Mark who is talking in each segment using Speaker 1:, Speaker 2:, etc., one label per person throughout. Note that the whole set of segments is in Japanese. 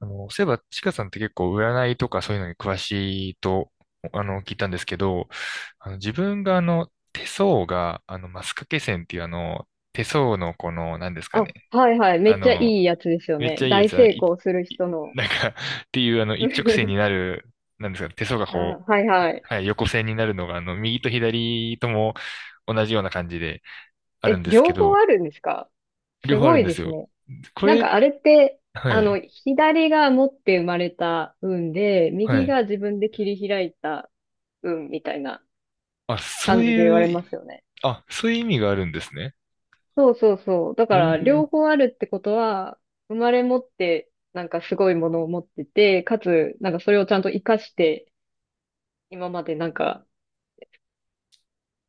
Speaker 1: そういえば、ちかさんって結構占いとかそういうのに詳しいと、聞いたんですけど、自分が手相が、マスカケ線っていう手相のこの、なんですかね。
Speaker 2: あ、はいはい。め
Speaker 1: あ
Speaker 2: っちゃい
Speaker 1: の、
Speaker 2: いやつですよ
Speaker 1: めっ
Speaker 2: ね。
Speaker 1: ちゃいいや
Speaker 2: 大
Speaker 1: つ、あの
Speaker 2: 成
Speaker 1: い、
Speaker 2: 功する
Speaker 1: い
Speaker 2: 人 の。
Speaker 1: なんか っていう一直線 になる、なんですかね、手相が
Speaker 2: あ、
Speaker 1: こう、
Speaker 2: はいはい。
Speaker 1: はい、横線になるのが、右と左とも同じような感じであるん
Speaker 2: え、
Speaker 1: ですけ
Speaker 2: 両方あ
Speaker 1: ど、
Speaker 2: るんですか？
Speaker 1: 両
Speaker 2: す
Speaker 1: 方あ
Speaker 2: ご
Speaker 1: るん
Speaker 2: い
Speaker 1: で
Speaker 2: で
Speaker 1: す
Speaker 2: す
Speaker 1: よ。
Speaker 2: ね。
Speaker 1: こ
Speaker 2: なん
Speaker 1: れ、
Speaker 2: かあれって、
Speaker 1: はい、
Speaker 2: 左が持って生まれた運で、
Speaker 1: は
Speaker 2: 右
Speaker 1: い。
Speaker 2: が自分で切り開いた運みたいな
Speaker 1: あ、そう
Speaker 2: 感じで言われ
Speaker 1: いう、
Speaker 2: ますよね。
Speaker 1: あ、そういう意味があるんですね。
Speaker 2: そうそうそう。だから、
Speaker 1: え
Speaker 2: 両
Speaker 1: え、
Speaker 2: 方あるってことは、生まれ持って、なんかすごいものを持ってて、かつ、なんかそれをちゃんと活かして、今までなんか、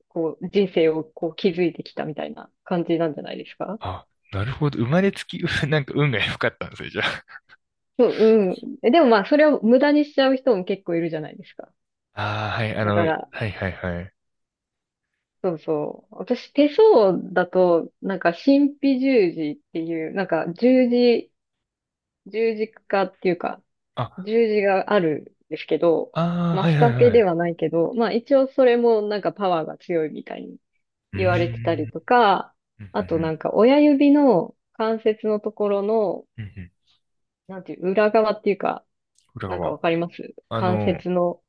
Speaker 2: こう、人生をこう築いてきたみたいな感じなんじゃないですか？
Speaker 1: あ、なるほど。生まれつき、なんか運が良かったんですね、じゃあ。
Speaker 2: そう、うん。でもまあ、それを無駄にしちゃう人も結構いるじゃないですか。
Speaker 1: ああ、はい、
Speaker 2: だ
Speaker 1: は
Speaker 2: か
Speaker 1: い
Speaker 2: ら、
Speaker 1: はいはい。
Speaker 2: そうそう。私、手相だと、なんか、神秘十字っていう、なんか、十字、十字架っていうか、
Speaker 1: あ、
Speaker 2: 十字があるんですけど、
Speaker 1: ああ、
Speaker 2: マ
Speaker 1: はい
Speaker 2: ス
Speaker 1: は
Speaker 2: カ
Speaker 1: い
Speaker 2: ケ
Speaker 1: はい。
Speaker 2: で
Speaker 1: う
Speaker 2: はないけど、まあ、一応それもなんかパワーが強いみたいに
Speaker 1: ー
Speaker 2: 言われてたり
Speaker 1: ん。
Speaker 2: とか、
Speaker 1: うんう
Speaker 2: あとな
Speaker 1: ん
Speaker 2: んか、親指の関節のところの、
Speaker 1: うんうんうん。
Speaker 2: なんていう、裏側っていうか、
Speaker 1: 裏
Speaker 2: なんか
Speaker 1: 側。
Speaker 2: わかります？
Speaker 1: あ
Speaker 2: 関
Speaker 1: の、
Speaker 2: 節の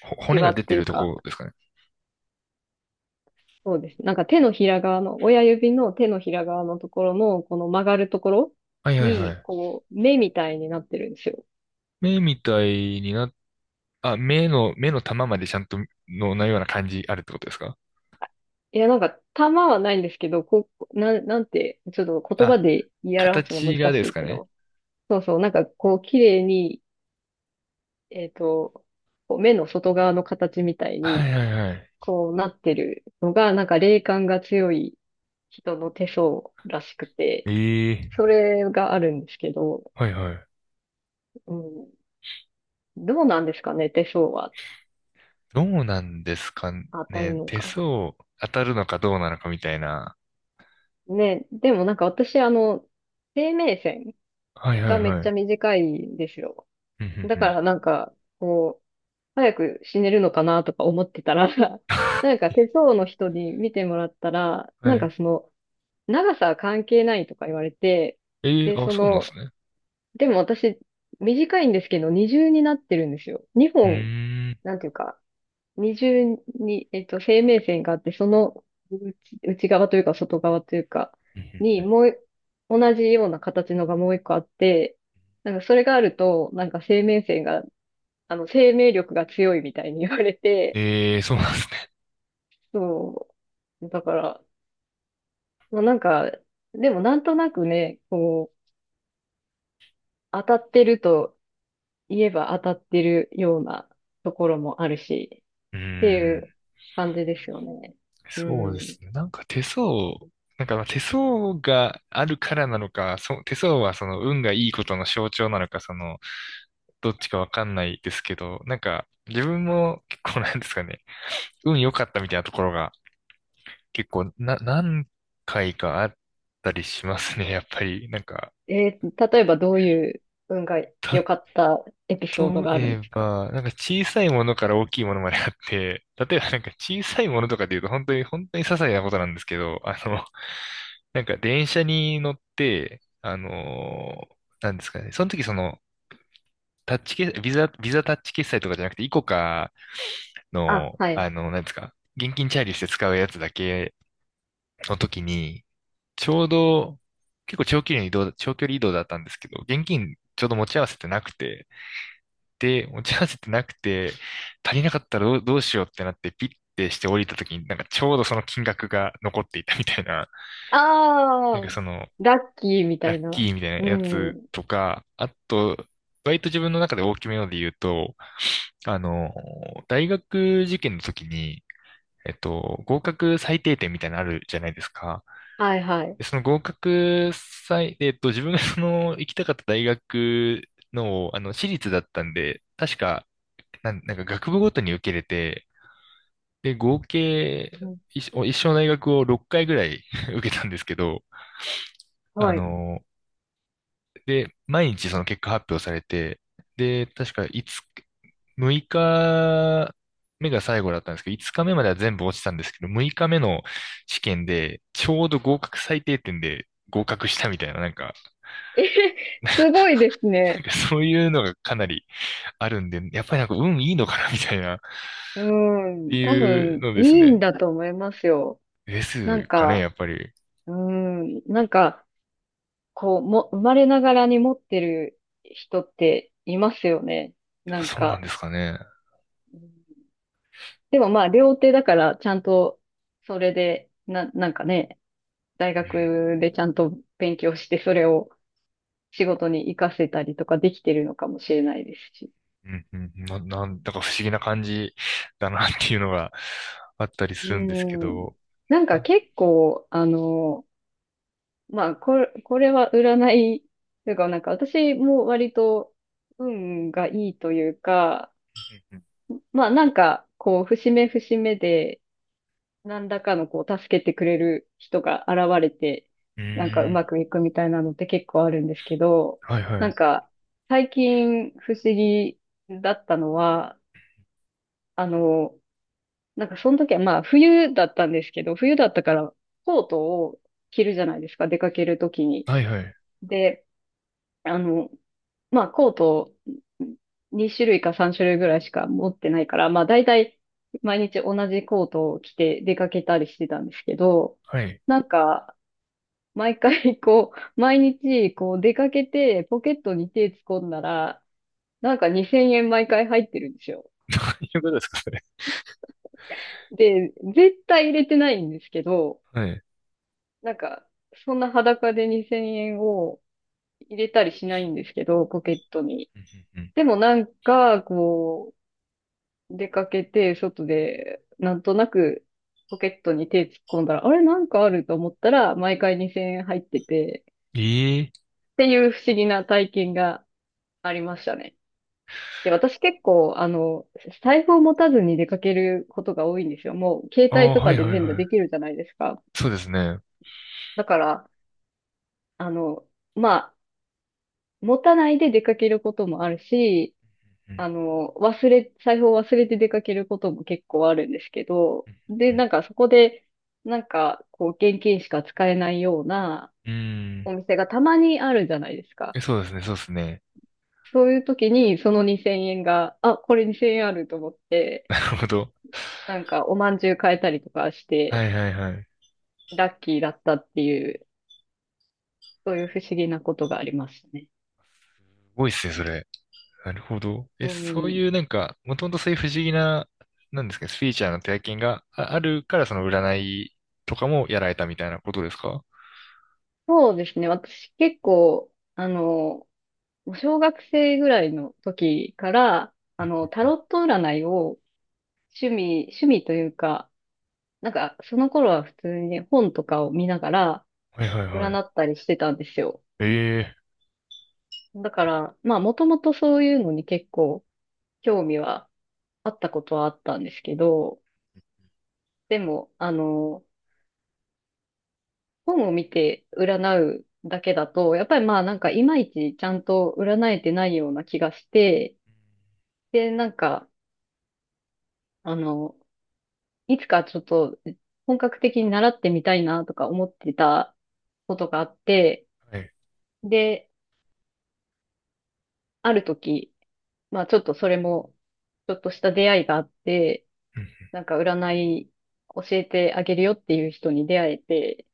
Speaker 1: ほ
Speaker 2: シ
Speaker 1: 骨
Speaker 2: ワ
Speaker 1: が出
Speaker 2: って
Speaker 1: て
Speaker 2: いう
Speaker 1: るとこ
Speaker 2: か、
Speaker 1: ろですかね。
Speaker 2: そうです。なんか手のひら側の、親指の手のひら側のところの、この曲がるところ
Speaker 1: はいはいは
Speaker 2: に、
Speaker 1: い。
Speaker 2: こう、目みたいになってるんですよ。
Speaker 1: 目みたいにな、あ、目の玉までちゃんとの、なような感じあるってことですか。
Speaker 2: いや、なんか、玉はないんですけど、こう、なんて、ちょっと言葉
Speaker 1: あ、
Speaker 2: で言い表すの難
Speaker 1: 形がで
Speaker 2: し
Speaker 1: す
Speaker 2: い
Speaker 1: か
Speaker 2: け
Speaker 1: ね。
Speaker 2: ど、そうそう、なんかこう、綺麗に、えっと、こう目の外側の形みたい
Speaker 1: は
Speaker 2: に、
Speaker 1: いはいはい。
Speaker 2: こうなってるのが、なんか霊感が強い人の手相らしくて、
Speaker 1: ええ、
Speaker 2: それがあるんですけど、
Speaker 1: はいはい。
Speaker 2: うん、どうなんですかね、手相は
Speaker 1: どうなんですか
Speaker 2: 当たる
Speaker 1: ね。
Speaker 2: の
Speaker 1: 手
Speaker 2: か。
Speaker 1: 相当たるのかどうなのかみたいな。
Speaker 2: ね、でもなんか私、生命線
Speaker 1: はいはい
Speaker 2: がめっ
Speaker 1: は
Speaker 2: ちゃ
Speaker 1: い。
Speaker 2: 短いんですよ。
Speaker 1: うんうん
Speaker 2: だ
Speaker 1: う
Speaker 2: か
Speaker 1: ん。
Speaker 2: らなんか、こう、早く死ねるのかなとか思ってたら、なんか 手相の人に見てもらったら、な
Speaker 1: は
Speaker 2: んか
Speaker 1: い。
Speaker 2: その、長さは関係ないとか言われて、
Speaker 1: え
Speaker 2: で、
Speaker 1: ー、あ、
Speaker 2: そ
Speaker 1: そうなんです
Speaker 2: の、
Speaker 1: ね。
Speaker 2: でも私、短いんですけど、二重になってるんですよ。二
Speaker 1: う
Speaker 2: 本、
Speaker 1: ん。
Speaker 2: なんていうか、二重に、生命線があって、その内、内側というか外側というか
Speaker 1: うーん。うんうんう
Speaker 2: に、
Speaker 1: ん、
Speaker 2: もうい、同じような形のがもう一個あって、なんかそれがあると、なんか生命線が、生命力が強いみたいに言われて、
Speaker 1: えー、そうなんですね。
Speaker 2: そう。だから、まあ、なんか、でもなんとなくね、こう、当たってると言えば当たってるようなところもあるし、
Speaker 1: うー
Speaker 2: っていう
Speaker 1: ん。
Speaker 2: 感じですよね。う
Speaker 1: そうで
Speaker 2: ん。
Speaker 1: すね。なんか手相、なんかまあ手相があるからなのか、手相はその運がいいことの象徴なのか、その、どっちかわかんないですけど、なんか自分も結構なんですかね、運良かったみたいなところが結構な、何回かあったりしますね、やっぱり。なんか、
Speaker 2: えー、例えばどういう運が良かったエピソード
Speaker 1: 例
Speaker 2: があるん
Speaker 1: え
Speaker 2: ですか？
Speaker 1: ば、なんか小さいものから大きいものまであって、例えばなんか小さいものとかで言うと本当に本当に些細なことなんですけど、なんか電車に乗って、なんですかね、その時、タッチ決、ビザタッチ決済とかじゃなくて、イコカ
Speaker 2: あ、
Speaker 1: の、
Speaker 2: はい。
Speaker 1: なんですか、現金チャージして使うやつだけの時に、ちょうど、結構長距離の移動、長距離移動だったんですけど、現金ちょうど持ち合わせてなくて、で持ち合わせてなくて、足りなかったらどうしようってなって、ピッてして降りた時に、なんかちょうどその金額が残っていたみたいな、なん
Speaker 2: あ
Speaker 1: か
Speaker 2: あ、
Speaker 1: その、
Speaker 2: ラッキーみた
Speaker 1: ラッ
Speaker 2: い
Speaker 1: キ
Speaker 2: な。
Speaker 1: ーみたい
Speaker 2: う
Speaker 1: なやつ
Speaker 2: ん。
Speaker 1: とか、あと、割と自分の中で大きめので言うと、あの、大学受験の時に、合格最低点みたいなのあるじゃないですか。
Speaker 2: はいはい。
Speaker 1: で、その合格最、えっと、自分がその行きたかった大学の、私立だったんで、確か、なんか学部ごとに受けれて、で、合計、
Speaker 2: うん。
Speaker 1: 一生の大学を6回ぐらい 受けたんですけど、あ
Speaker 2: はい。
Speaker 1: の、で、毎日その結果発表されて、で、確か5、6日目が最後だったんですけど、5日目までは全部落ちたんですけど、6日目の試験で、ちょうど合格最低点で合格したみたいな、なんか、
Speaker 2: えへ、すごいです
Speaker 1: なん
Speaker 2: ね。
Speaker 1: かそういうのがかなり あるんで、やっぱりなんか運いいのかなみたいな、っ
Speaker 2: う
Speaker 1: て
Speaker 2: ん。多
Speaker 1: いう
Speaker 2: 分、
Speaker 1: のです
Speaker 2: いいん
Speaker 1: ね。
Speaker 2: だと思いますよ。
Speaker 1: で
Speaker 2: な
Speaker 1: す
Speaker 2: ん
Speaker 1: かね、
Speaker 2: か、
Speaker 1: やっぱり。
Speaker 2: うん。なんか、こう、生まれながらに持ってる人っていますよね。
Speaker 1: やっ
Speaker 2: な
Speaker 1: ぱ
Speaker 2: ん
Speaker 1: そうなん
Speaker 2: か。
Speaker 1: ですかね。
Speaker 2: うん。でもまあ、両手だから、ちゃんと、それで、なんかね、大
Speaker 1: うん
Speaker 2: 学でちゃんと勉強して、それを仕事に活かせたりとかできてるのかもしれないですし。
Speaker 1: うんうんうん、なんだか不思議な感じだなっていうのがあったり
Speaker 2: う
Speaker 1: するんですけ
Speaker 2: ん。
Speaker 1: ど。
Speaker 2: なん
Speaker 1: う
Speaker 2: か
Speaker 1: ん
Speaker 2: 結構、まあ、これは占い、というか、なんか私も割と運がいいというか、まあなんか、こう、節目節目で、何らかのこう、助けてくれる人が現れて、
Speaker 1: うー
Speaker 2: なんかうま
Speaker 1: ん、
Speaker 2: くいくみたいなのって結構あるんですけど、
Speaker 1: はいは
Speaker 2: なん
Speaker 1: い。
Speaker 2: か、最近不思議だったのは、あの、なんかその時はまあ冬だったんですけど、冬だったからコートを着るじゃないですか、出かける時に。
Speaker 1: はいはい。
Speaker 2: で、あの、まあ、コート2種類か3種類ぐらいしか持ってないから、まあ、大体毎日同じコートを着て出かけたりしてたんですけど、
Speaker 1: はい。
Speaker 2: なんか、毎回こ毎日こう出かけてポケットに手突っ込んだら、なんか2000円毎回入ってるんですよ。
Speaker 1: 一緒ぐらいうことですか、それ。
Speaker 2: で、絶対入れてないんですけど、
Speaker 1: はい。うん
Speaker 2: なんか、そんな裸で2000円を入れたりしないんですけど、ポケットに。
Speaker 1: うんうん、
Speaker 2: でもなんか、出かけて、外で、なんとなくポケットに手突っ込んだら、あれなんかあると思ったら、毎回2000円入ってて、
Speaker 1: ええ、
Speaker 2: っていう不思議な体験がありましたね。で、私結構、財布を持たずに出かけることが多いんですよ。もう、携
Speaker 1: あ
Speaker 2: 帯
Speaker 1: あ
Speaker 2: と
Speaker 1: ー、は
Speaker 2: か
Speaker 1: いは
Speaker 2: で
Speaker 1: い
Speaker 2: 全部
Speaker 1: は
Speaker 2: でき
Speaker 1: い。
Speaker 2: るじゃないですか。
Speaker 1: そうですね。う
Speaker 2: だから、あの、まあ、持たないで出かけることもあるし、
Speaker 1: ん
Speaker 2: 財布を忘れて出かけることも結構あるんですけど、
Speaker 1: う
Speaker 2: で、
Speaker 1: んうん
Speaker 2: なんかそこで、なんか、こう、現金しか使えないような
Speaker 1: うんうーん、
Speaker 2: お店がたまにあるじゃないですか。
Speaker 1: え、そうですね、そうですね。
Speaker 2: そういう時に、その2000円が、あ、これ2000円あると思って、
Speaker 1: なるほど。
Speaker 2: なんか、おまんじゅう買えたりとかし
Speaker 1: は
Speaker 2: て、
Speaker 1: いはいはい。す
Speaker 2: ラッキーだったっていう、そういう不思議なことがありましたね。
Speaker 1: ごいっすね、それ。なるほど。え、
Speaker 2: う
Speaker 1: そういう
Speaker 2: ん。
Speaker 1: なんか、もともとそういう不思議な、なんですか、スピリチュアルな体験がああるから、その占いとかもやられたみたいなことですか。
Speaker 2: そうですね。私結構、もう小学生ぐらいの時から、
Speaker 1: うん、
Speaker 2: タロット占いを趣味というか、なんか、その頃は普通に本とかを見ながら
Speaker 1: はいはいは
Speaker 2: 占
Speaker 1: い。
Speaker 2: ったりしてたんですよ。
Speaker 1: ええ、
Speaker 2: だから、まあ、もともとそういうのに結構興味はあったことはあったんですけど、でも、本を見て占うだけだと、やっぱりまあ、なんか、いまいちちゃんと占えてないような気がして、で、なんか、あの、いつかちょっと本格的に習ってみたいなとか思ってたことがあって、
Speaker 1: はい。
Speaker 2: で、ある時、まあちょっとそれも、ちょっとした出会いがあって、
Speaker 1: うん、
Speaker 2: なんか占い教えてあげるよっていう人に出会えて、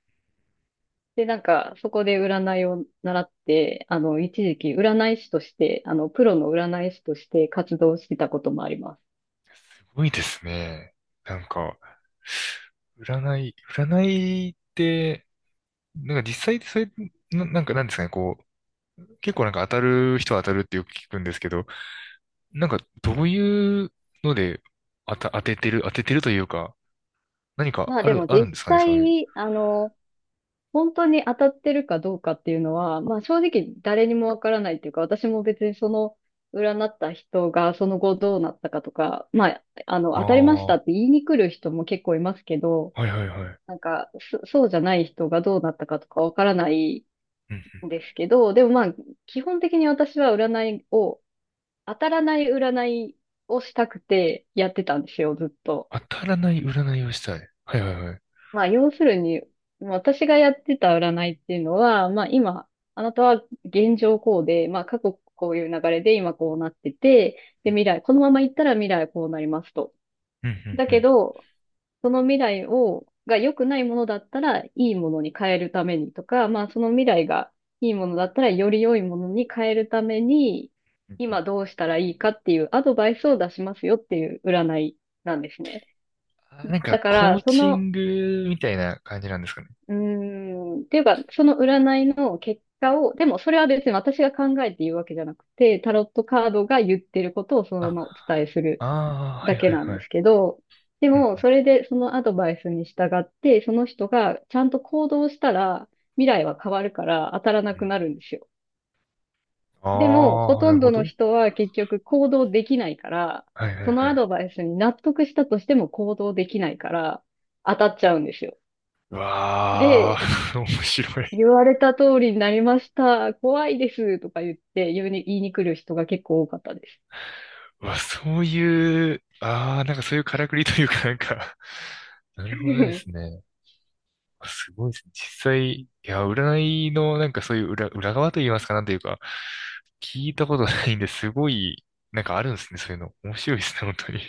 Speaker 2: で、なんかそこで占いを習って、一時期占い師として、プロの占い師として活動してたこともあります。
Speaker 1: すごいですね。なんか、占いって、なんか実際ってそれ、なんかなんですかね、こう、結構なんか当たる人は当たるってよく聞くんですけど、なんかどういうので当ててるというか、何か
Speaker 2: まあ
Speaker 1: あ
Speaker 2: で
Speaker 1: る、
Speaker 2: も
Speaker 1: あるん
Speaker 2: 実
Speaker 1: ですかね、そう
Speaker 2: 際
Speaker 1: いう。
Speaker 2: に、本当に当たってるかどうかっていうのは、まあ正直誰にもわからないっていうか、私も別にその占った人がその後どうなったかとか、まあ、
Speaker 1: あ
Speaker 2: 当たりまし
Speaker 1: あ、
Speaker 2: た
Speaker 1: は
Speaker 2: って言いに来る人も結構いますけど、
Speaker 1: いはいはい。
Speaker 2: なんか、そうじゃない人がどうなったかとかわからない
Speaker 1: うんうん、
Speaker 2: んですけど、でもまあ、基本的に私は占いを、当たらない占いをしたくてやってたんですよ、ずっ
Speaker 1: 当
Speaker 2: と。
Speaker 1: たらない占いをしたい。はいはいはい。
Speaker 2: まあ、要するに、まあ私がやってた占いっていうのは、まあ今、あなたは現状こうで、まあ過去こういう流れで今こうなってて、で未来、このまま行ったら未来はこうなりますと。
Speaker 1: うん
Speaker 2: だ
Speaker 1: うんう
Speaker 2: け
Speaker 1: ん。
Speaker 2: ど、その未来を、が良くないものだったらいいものに変えるためにとか、まあその未来がいいものだったらより良いものに変えるために、
Speaker 1: うんうん、
Speaker 2: 今どうしたらいいかっていうアドバイスを出しますよっていう占いなんですね。
Speaker 1: あー、なん
Speaker 2: だ
Speaker 1: か
Speaker 2: か
Speaker 1: コ
Speaker 2: ら、
Speaker 1: ー
Speaker 2: そ
Speaker 1: チ
Speaker 2: の
Speaker 1: ングみたいな感じなんですかね。
Speaker 2: うーん。っていうか、その占いの結果を、でもそれは別に私が考えて言うわけじゃなくて、タロットカードが言ってることをそのままお
Speaker 1: あ、
Speaker 2: 伝えする
Speaker 1: ああー、は
Speaker 2: だ
Speaker 1: い
Speaker 2: け
Speaker 1: は
Speaker 2: なん
Speaker 1: い
Speaker 2: で
Speaker 1: はい。
Speaker 2: すけど、で
Speaker 1: うん
Speaker 2: も、
Speaker 1: う
Speaker 2: それでそのアドバイスに従って、その人がちゃんと行動したら、未来は変わるから当たら
Speaker 1: ん
Speaker 2: な
Speaker 1: う
Speaker 2: く
Speaker 1: ん、
Speaker 2: なるんですよ。でも、ほ
Speaker 1: ああ、な
Speaker 2: と
Speaker 1: る
Speaker 2: ん
Speaker 1: ほ
Speaker 2: どの
Speaker 1: ど。
Speaker 2: 人は結局行動できないから、
Speaker 1: はいはいは
Speaker 2: そ
Speaker 1: い。
Speaker 2: のアドバイスに納得したとしても行動できないから、当たっちゃうんですよ。
Speaker 1: うわ
Speaker 2: で、
Speaker 1: あ、面白い。
Speaker 2: 言われた通りになりました。怖いです。とか言って言いに来る人が結構多かったです。
Speaker 1: うわ、そういう、ああ、なんかそういうからくりというかなんか、なるほどです ね。あ、すごいですね。実際、いや、占いのなんかそういう裏側と言いますか、なんというか、聞いたことないんですごい、なんかあるんですね、そういうの。面白いですね、本当に。